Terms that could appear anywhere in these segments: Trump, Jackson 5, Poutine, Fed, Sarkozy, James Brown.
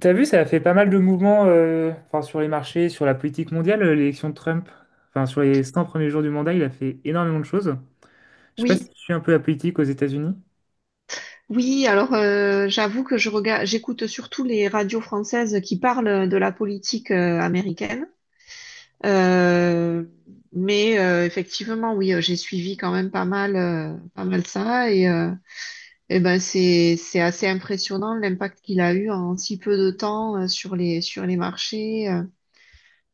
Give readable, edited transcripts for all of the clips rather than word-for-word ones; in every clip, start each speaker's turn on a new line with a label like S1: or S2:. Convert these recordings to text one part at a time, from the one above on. S1: T'as vu, ça a fait pas mal de mouvements enfin, sur les marchés, sur la politique mondiale, l'élection de Trump. Enfin, sur les 100 premiers jours du mandat, il a fait énormément de choses. Je sais pas
S2: Oui,
S1: si tu suis un peu la politique aux États-Unis.
S2: oui, alors j'avoue que je regarde, j'écoute surtout les radios françaises qui parlent de la politique américaine. Euh, mais effectivement, oui, j'ai suivi quand même pas mal, ça et, eh ben c'est assez impressionnant l'impact qu'il a eu en si peu de temps sur les marchés,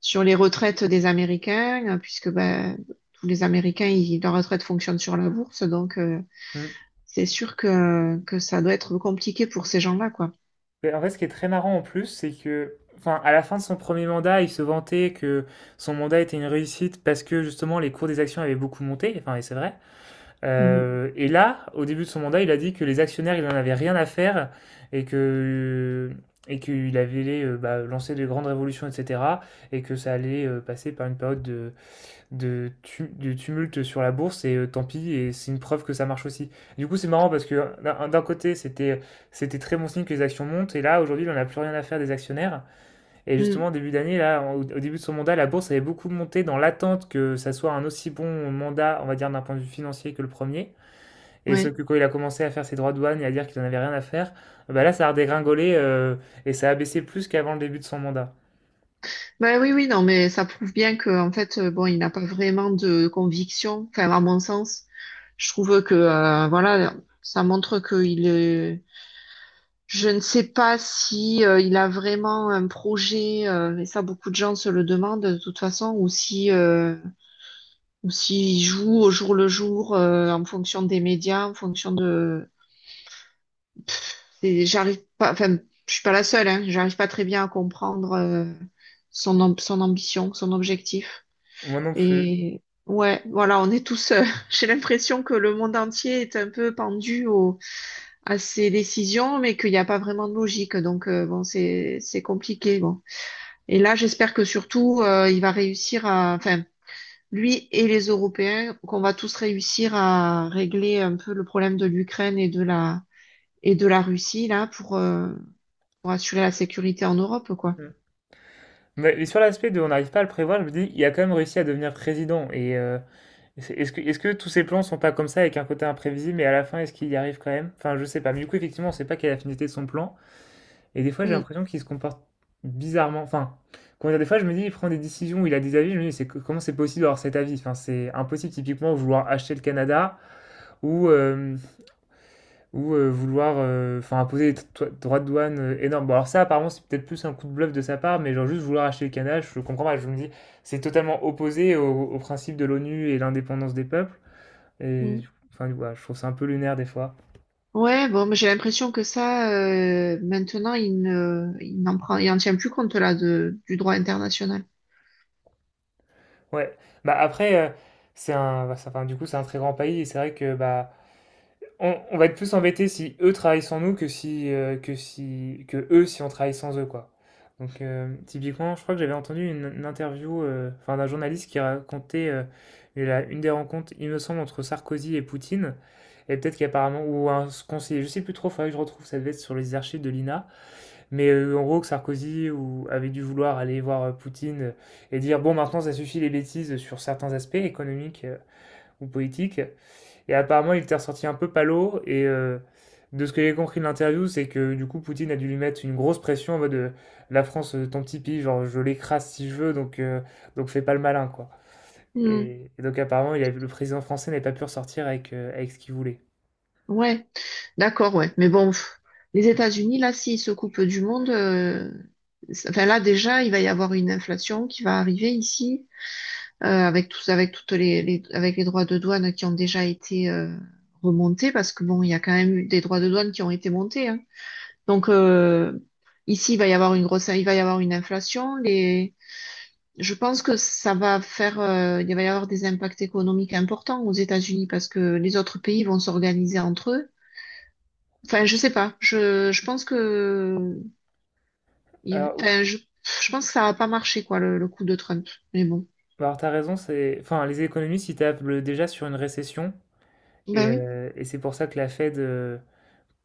S2: sur les retraites des Américains, puisque ben tous les Américains, leur retraite fonctionne sur la bourse, donc.
S1: Mm.
S2: C'est sûr que ça doit être compliqué pour ces gens-là, quoi.
S1: Mais en fait, ce qui est très marrant en plus, c'est que, enfin, à la fin de son premier mandat, il se vantait que son mandat était une réussite parce que justement les cours des actions avaient beaucoup monté. Enfin, et c'est vrai.
S2: Mhm.
S1: Et là, au début de son mandat, il a dit que les actionnaires, il n'en avait rien à faire et que et qu'il avait bah, lancé de grandes révolutions, etc. Et que ça allait passer par une période de tumulte sur la bourse, et tant pis, et c'est une preuve que ça marche aussi. Du coup, c'est marrant parce que d'un côté, c'était très bon signe que les actions montent, et là, aujourd'hui, on n'a plus rien à faire des actionnaires. Et justement,
S2: Mhm.
S1: au début d'année, là, au début de son mandat, la bourse avait beaucoup monté dans l'attente que ça soit un aussi bon mandat, on va dire, d'un point de vue financier que le premier. Et sauf
S2: Ouais.
S1: que quand il a commencé à faire ses droits de douane et à dire qu'il en avait rien à faire, bah là, ça a redégringolé et ça a baissé plus qu'avant le début de son mandat.
S2: Bah oui, oui, non, mais ça prouve bien que en fait, bon, il n'a pas vraiment de conviction. Enfin, à mon sens, je trouve que voilà, ça montre qu'il est. Je ne sais pas si il a vraiment un projet, et ça, beaucoup de gens se le demandent de toute façon, ou si ou s'il joue au jour le jour en fonction des médias, en fonction de j'arrive pas, enfin, je suis pas la seule, hein, j'arrive pas très bien à comprendre son ambition, son objectif.
S1: Moi non plus.
S2: Et ouais, voilà, on est tous, j'ai l'impression que le monde entier est un peu pendu à ses décisions, mais qu'il n'y a pas vraiment de logique. Donc, bon, c'est compliqué, bon. Et là, j'espère que surtout, il va réussir à, enfin, lui et les Européens, qu'on va tous réussir à régler un peu le problème de l'Ukraine et de la Russie, là, pour assurer la sécurité en Europe, quoi.
S1: Mm. Mais sur l'aspect de on n'arrive pas à le prévoir, je me dis, il a quand même réussi à devenir président. Et est-ce que tous ces plans sont pas comme ça, avec un côté imprévisible, mais à la fin, est-ce qu'il y arrive quand même? Enfin, je sais pas. Mais du coup, effectivement, on sait pas quelle est la finalité de son plan. Et des fois, j'ai
S2: Mm,
S1: l'impression qu'il se comporte bizarrement. Enfin, comment dire, des fois, je me dis, il prend des décisions, il a des avis, je me dis, c'est, comment c'est possible d'avoir cet avis? Enfin, c'est impossible, typiquement, vouloir acheter le Canada ou, euh, ou vouloir enfin imposer des droits de douane énormes. Bon, alors ça, apparemment, c'est peut-être plus un coup de bluff de sa part, mais genre juste vouloir acheter le Canada, je comprends pas. Je me dis, c'est totalement opposé au, au principe de l'ONU et l'indépendance des peuples. Et
S2: mm.
S1: enfin, voilà, je trouve ça un peu lunaire des fois.
S2: Ouais, bon, mais j'ai l'impression que ça, maintenant, il ne, il n'en prend, il en tient plus compte là de, du droit international.
S1: Ouais. Bah après, c'est un, bah, enfin, du coup, c'est un très grand pays et c'est vrai que bah on va être plus embêté si eux travaillent sans nous que si, que si, que eux si on travaille sans eux, quoi. Donc, typiquement, je crois que j'avais entendu une interview enfin, d'un journaliste qui racontait une des rencontres, il me semble, entre Sarkozy et Poutine. Et peut-être qu'apparemment, ou un conseiller, je sais plus trop, faudrait que je retrouve, ça devait être sur les archives de l'INA. Mais en gros, que Sarkozy ou, avait dû vouloir aller voir Poutine et dire, bon, maintenant, ça suffit les bêtises sur certains aspects économiques ou politiques. Et apparemment, il était ressorti un peu palo. Et de ce que j'ai compris de l'interview, c'est que du coup, Poutine a dû lui mettre une grosse pression en mode la France, ton petit pays, genre je l'écrase si je veux, donc fais pas le malin, quoi.
S2: Mm.
S1: Et donc, apparemment, le président français n'avait pas pu ressortir avec, avec ce qu'il voulait.
S2: Ouais, d'accord, ouais. Mais bon, pff, les États-Unis, là, s'ils se coupent du monde, enfin là déjà, il va y avoir une inflation qui va arriver ici, avec tous, avec toutes les- avec les droits de douane qui ont déjà été remontés, parce que bon, il y a quand même eu des droits de douane qui ont été montés, hein. Donc ici, il va y avoir une inflation. Je pense que ça va faire, il va y avoir des impacts économiques importants aux États-Unis parce que les autres pays vont s'organiser entre eux. Enfin, je sais pas. Je pense que,
S1: Alors,
S2: enfin, je pense que ça va pas marcher quoi le coup de Trump. Mais bon.
S1: alors, t'as raison, c'est, enfin, les économistes, ils tablent déjà sur une récession.
S2: Ben oui.
S1: Et c'est pour ça que la Fed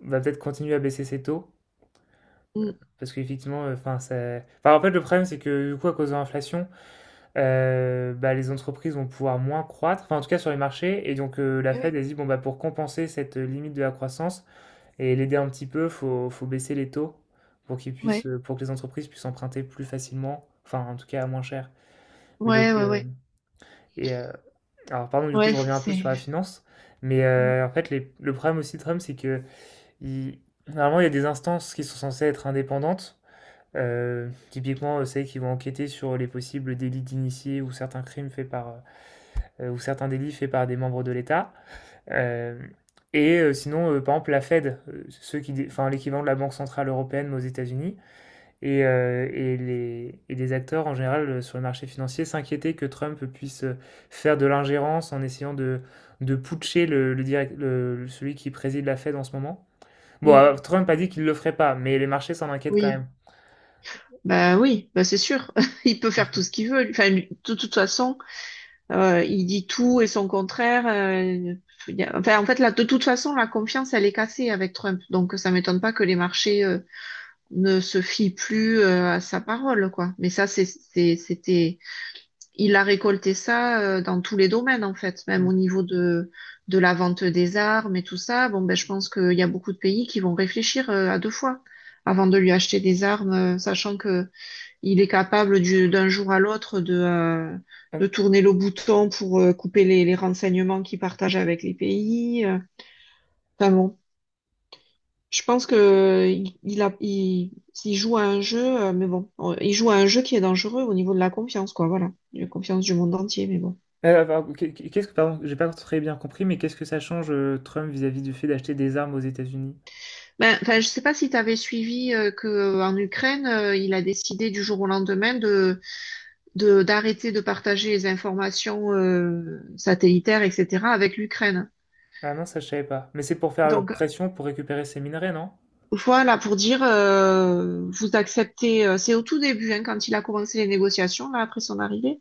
S1: va peut-être continuer à baisser ses taux.
S2: Mm.
S1: Parce qu'effectivement, enfin, enfin, en fait, le problème, c'est que du coup, à cause de l'inflation, bah, les entreprises vont pouvoir moins croître, enfin, en tout cas sur les marchés et donc la
S2: Eh
S1: Fed,
S2: oui.
S1: a dit: «Bon, bah, pour compenser cette, limite de la croissance et l'aider un petit peu, faut baisser les taux pour qu'ils puissent,
S2: Ouais.
S1: pour que les entreprises puissent emprunter plus facilement, enfin, en tout cas, à moins cher». Mais
S2: Ouais,
S1: donc
S2: ouais, ouais.
S1: et heu, alors pardon, du coup,
S2: Ouais,
S1: je reviens un peu
S2: c'est.
S1: sur la finance, mais
S2: Mm,
S1: en fait, les le problème aussi de Trump, c'est qu'il normalement, il y a des instances qui sont censées être indépendantes, typiquement, celles qui vont enquêter sur les possibles délits d'initiés ou certains crimes faits par, ou certains délits faits par des membres de l'État. Euh, et sinon, par exemple, la Fed, ceux qui, enfin, l'équivalent de la Banque Centrale Européenne mais aux États-Unis, et, et les acteurs en général sur le marché financier s'inquiétaient que Trump puisse faire de l'ingérence en essayant de putcher le celui qui préside la Fed en ce moment. Bon,
S2: mm.
S1: Trump a dit qu'il ne le ferait pas, mais les marchés s'en inquiètent quand
S2: Oui.
S1: même.
S2: Ben oui. Ben c'est sûr. Il peut faire tout ce qu'il veut. Enfin, de toute façon. Il dit tout et son contraire. Enfin, en fait, là, de toute façon, la confiance, elle est cassée avec Trump. Donc, ça m'étonne pas que les marchés ne se fient plus à sa parole, quoi. Mais ça, c'était, il a récolté ça dans tous les domaines, en fait, même au
S1: Mm.
S2: niveau de la vente des armes et tout ça. Bon, ben, je pense qu'il y a beaucoup de pays qui vont réfléchir à deux fois avant de lui acheter des armes, sachant que il est capable d'un jour à l'autre
S1: Euh,
S2: de tourner le bouton pour couper les renseignements qu'il partage avec les pays. Enfin bon, je pense que il joue à un jeu, mais bon, il joue à un jeu qui est dangereux au niveau de la confiance, quoi. Voilà, la confiance du monde entier, mais bon.
S1: pardon, qu'est-ce que, pardon, j'ai pas très bien compris, mais qu'est-ce que ça change Trump vis-à-vis du fait d'acheter des armes aux États-Unis?
S2: Ben, enfin, je sais pas si tu avais suivi que en Ukraine, il a décidé du jour au lendemain de d'arrêter de partager les informations satellitaires, etc., avec l'Ukraine.
S1: Ah non, ça je savais pas. Mais c'est pour faire
S2: Donc,
S1: pression pour récupérer ces minerais, non?
S2: voilà, pour dire, vous acceptez, c'est au tout début, hein, quand il a commencé les négociations, là, après son arrivée,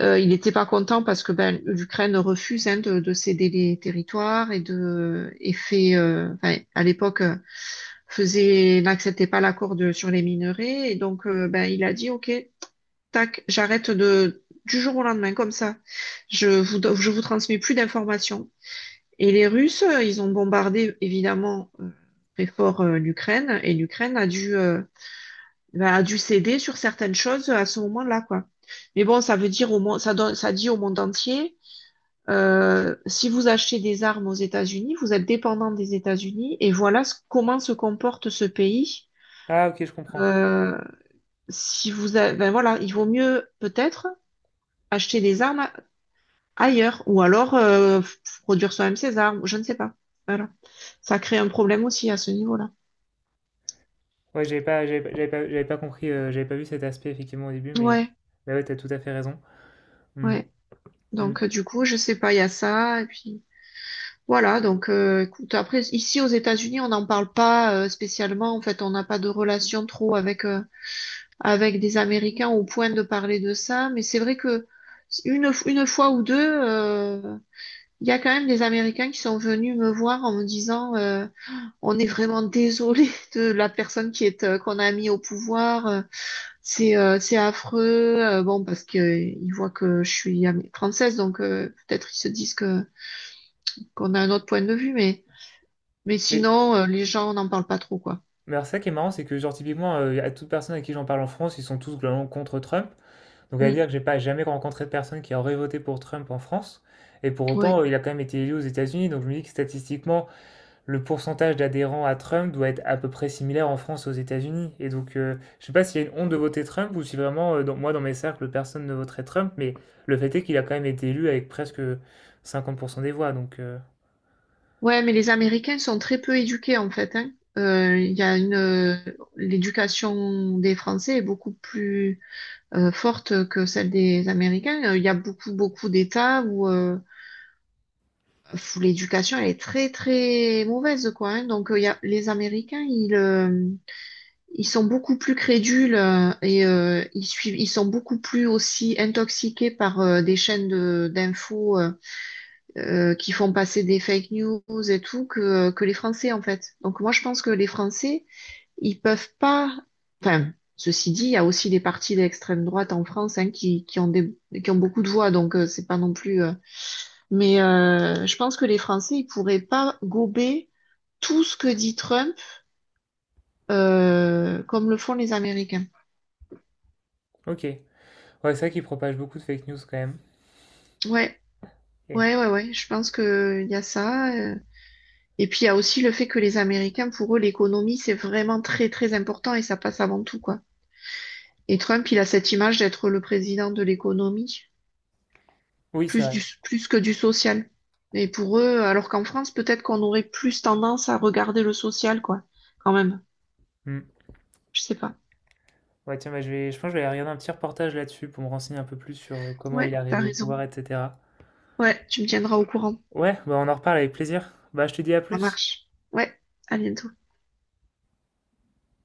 S2: il n'était pas content parce que ben, l'Ukraine refuse hein, de céder les territoires et de et fait, enfin, à l'époque, faisait, n'acceptait pas l'accord de sur les minerais, et donc ben, il a dit, OK, tac, j'arrête de du jour au lendemain, comme ça, je vous transmets plus d'informations. Et les Russes, ils ont bombardé évidemment très fort l'Ukraine et l'Ukraine a dû, bah, a dû céder sur certaines choses à ce moment-là, quoi. Mais bon, ça veut dire au monde, ça, ça dit au monde entier, si vous achetez des armes aux États-Unis, vous êtes dépendant des États-Unis et voilà comment se comporte ce pays.
S1: Ah ok, je comprends.
S2: Euh, si vous, a- ben voilà, il vaut mieux peut-être acheter des armes ailleurs ou alors produire soi-même ses armes, je ne sais pas. Voilà. Ça crée un problème aussi à ce niveau-là.
S1: Ouais, j'avais pas compris, j'avais pas vu cet aspect effectivement au début,
S2: Ouais,
S1: mais ouais, t'as tout à fait raison. Hmm,
S2: ouais.
S1: hmm.
S2: Donc, du coup, je sais pas, il y a ça. Et puis, voilà. Donc, écoute, après, ici, aux États-Unis, on n'en parle pas spécialement. En fait, on n'a pas de relation trop avec des Américains au point de parler de ça. Mais c'est vrai que une fois ou deux, euh, il y a quand même des Américains qui sont venus me voir en me disant, on est vraiment désolé de la personne qu'on a mis au pouvoir. C'est affreux, bon, parce que ils voient que je suis à mes 36, donc peut-être ils se disent que qu'on a un autre point de vue, mais
S1: Mais,
S2: sinon les gens n'en parlent pas trop, quoi.
S1: mais alors ça qui est marrant, c'est que genre typiquement, à toute personne à qui j'en parle en France, ils sont tous globalement contre Trump. Donc à
S2: Mm.
S1: dire que j'ai pas jamais rencontré de personne qui aurait voté pour Trump en France. Et pour
S2: Ouais,
S1: autant, il a quand même été élu aux États-Unis. Donc je me dis que statistiquement, le pourcentage d'adhérents à Trump doit être à peu près similaire en France aux États-Unis. Et donc, je ne sais pas s'il y a une honte de voter Trump ou si vraiment, moi, dans mes cercles, personne ne voterait Trump, mais le fait est qu'il a quand même été élu avec presque 50% des voix. Donc,
S2: ouais, mais les Américains sont très peu éduqués en fait, hein. Il y a une l'éducation des Français est beaucoup plus forte que celle des Américains. Il y a beaucoup beaucoup d'États où l'éducation elle est très très mauvaise, quoi. Hein. Donc il y a les Américains, ils sont beaucoup plus crédules et ils suivent, ils sont beaucoup plus aussi intoxiqués par des chaînes d'infos qui font passer des fake news et tout que les Français en fait. Donc moi je pense que les Français, ils peuvent pas. Enfin, ceci dit, il y a aussi des partis d'extrême droite en France hein, qui ont beaucoup de voix, donc c'est pas non plus. Mais je pense que les Français, ils pourraient pas gober tout ce que dit Trump comme le font les Américains.
S1: ok. Ouais, c'est vrai qu'il propage beaucoup de fake news quand même.
S2: Ouais.
S1: Et-
S2: Ouais, ouais, ouais, je pense que il y a ça. Et puis il y a aussi le fait que les Américains, pour eux, l'économie, c'est vraiment très, très important et ça passe avant tout, quoi. Et Trump, il a cette image d'être le président de l'économie,
S1: Oui, c'est vrai.
S2: plus que du social. Et pour eux, alors qu'en France, peut-être qu'on aurait plus tendance à regarder le social, quoi, quand même.
S1: Hmm.
S2: Je sais pas.
S1: Ouais, tiens, bah, je pense que je vais aller regarder un petit reportage là-dessus pour me renseigner un peu plus sur comment
S2: Ouais,
S1: il est
S2: t'as
S1: arrivé au
S2: raison.
S1: pouvoir, etc.
S2: Ouais, tu me tiendras au courant.
S1: Ouais, bah, on en reparle avec plaisir. Bah, je te dis à
S2: Ça
S1: plus.
S2: marche. Ouais, à bientôt.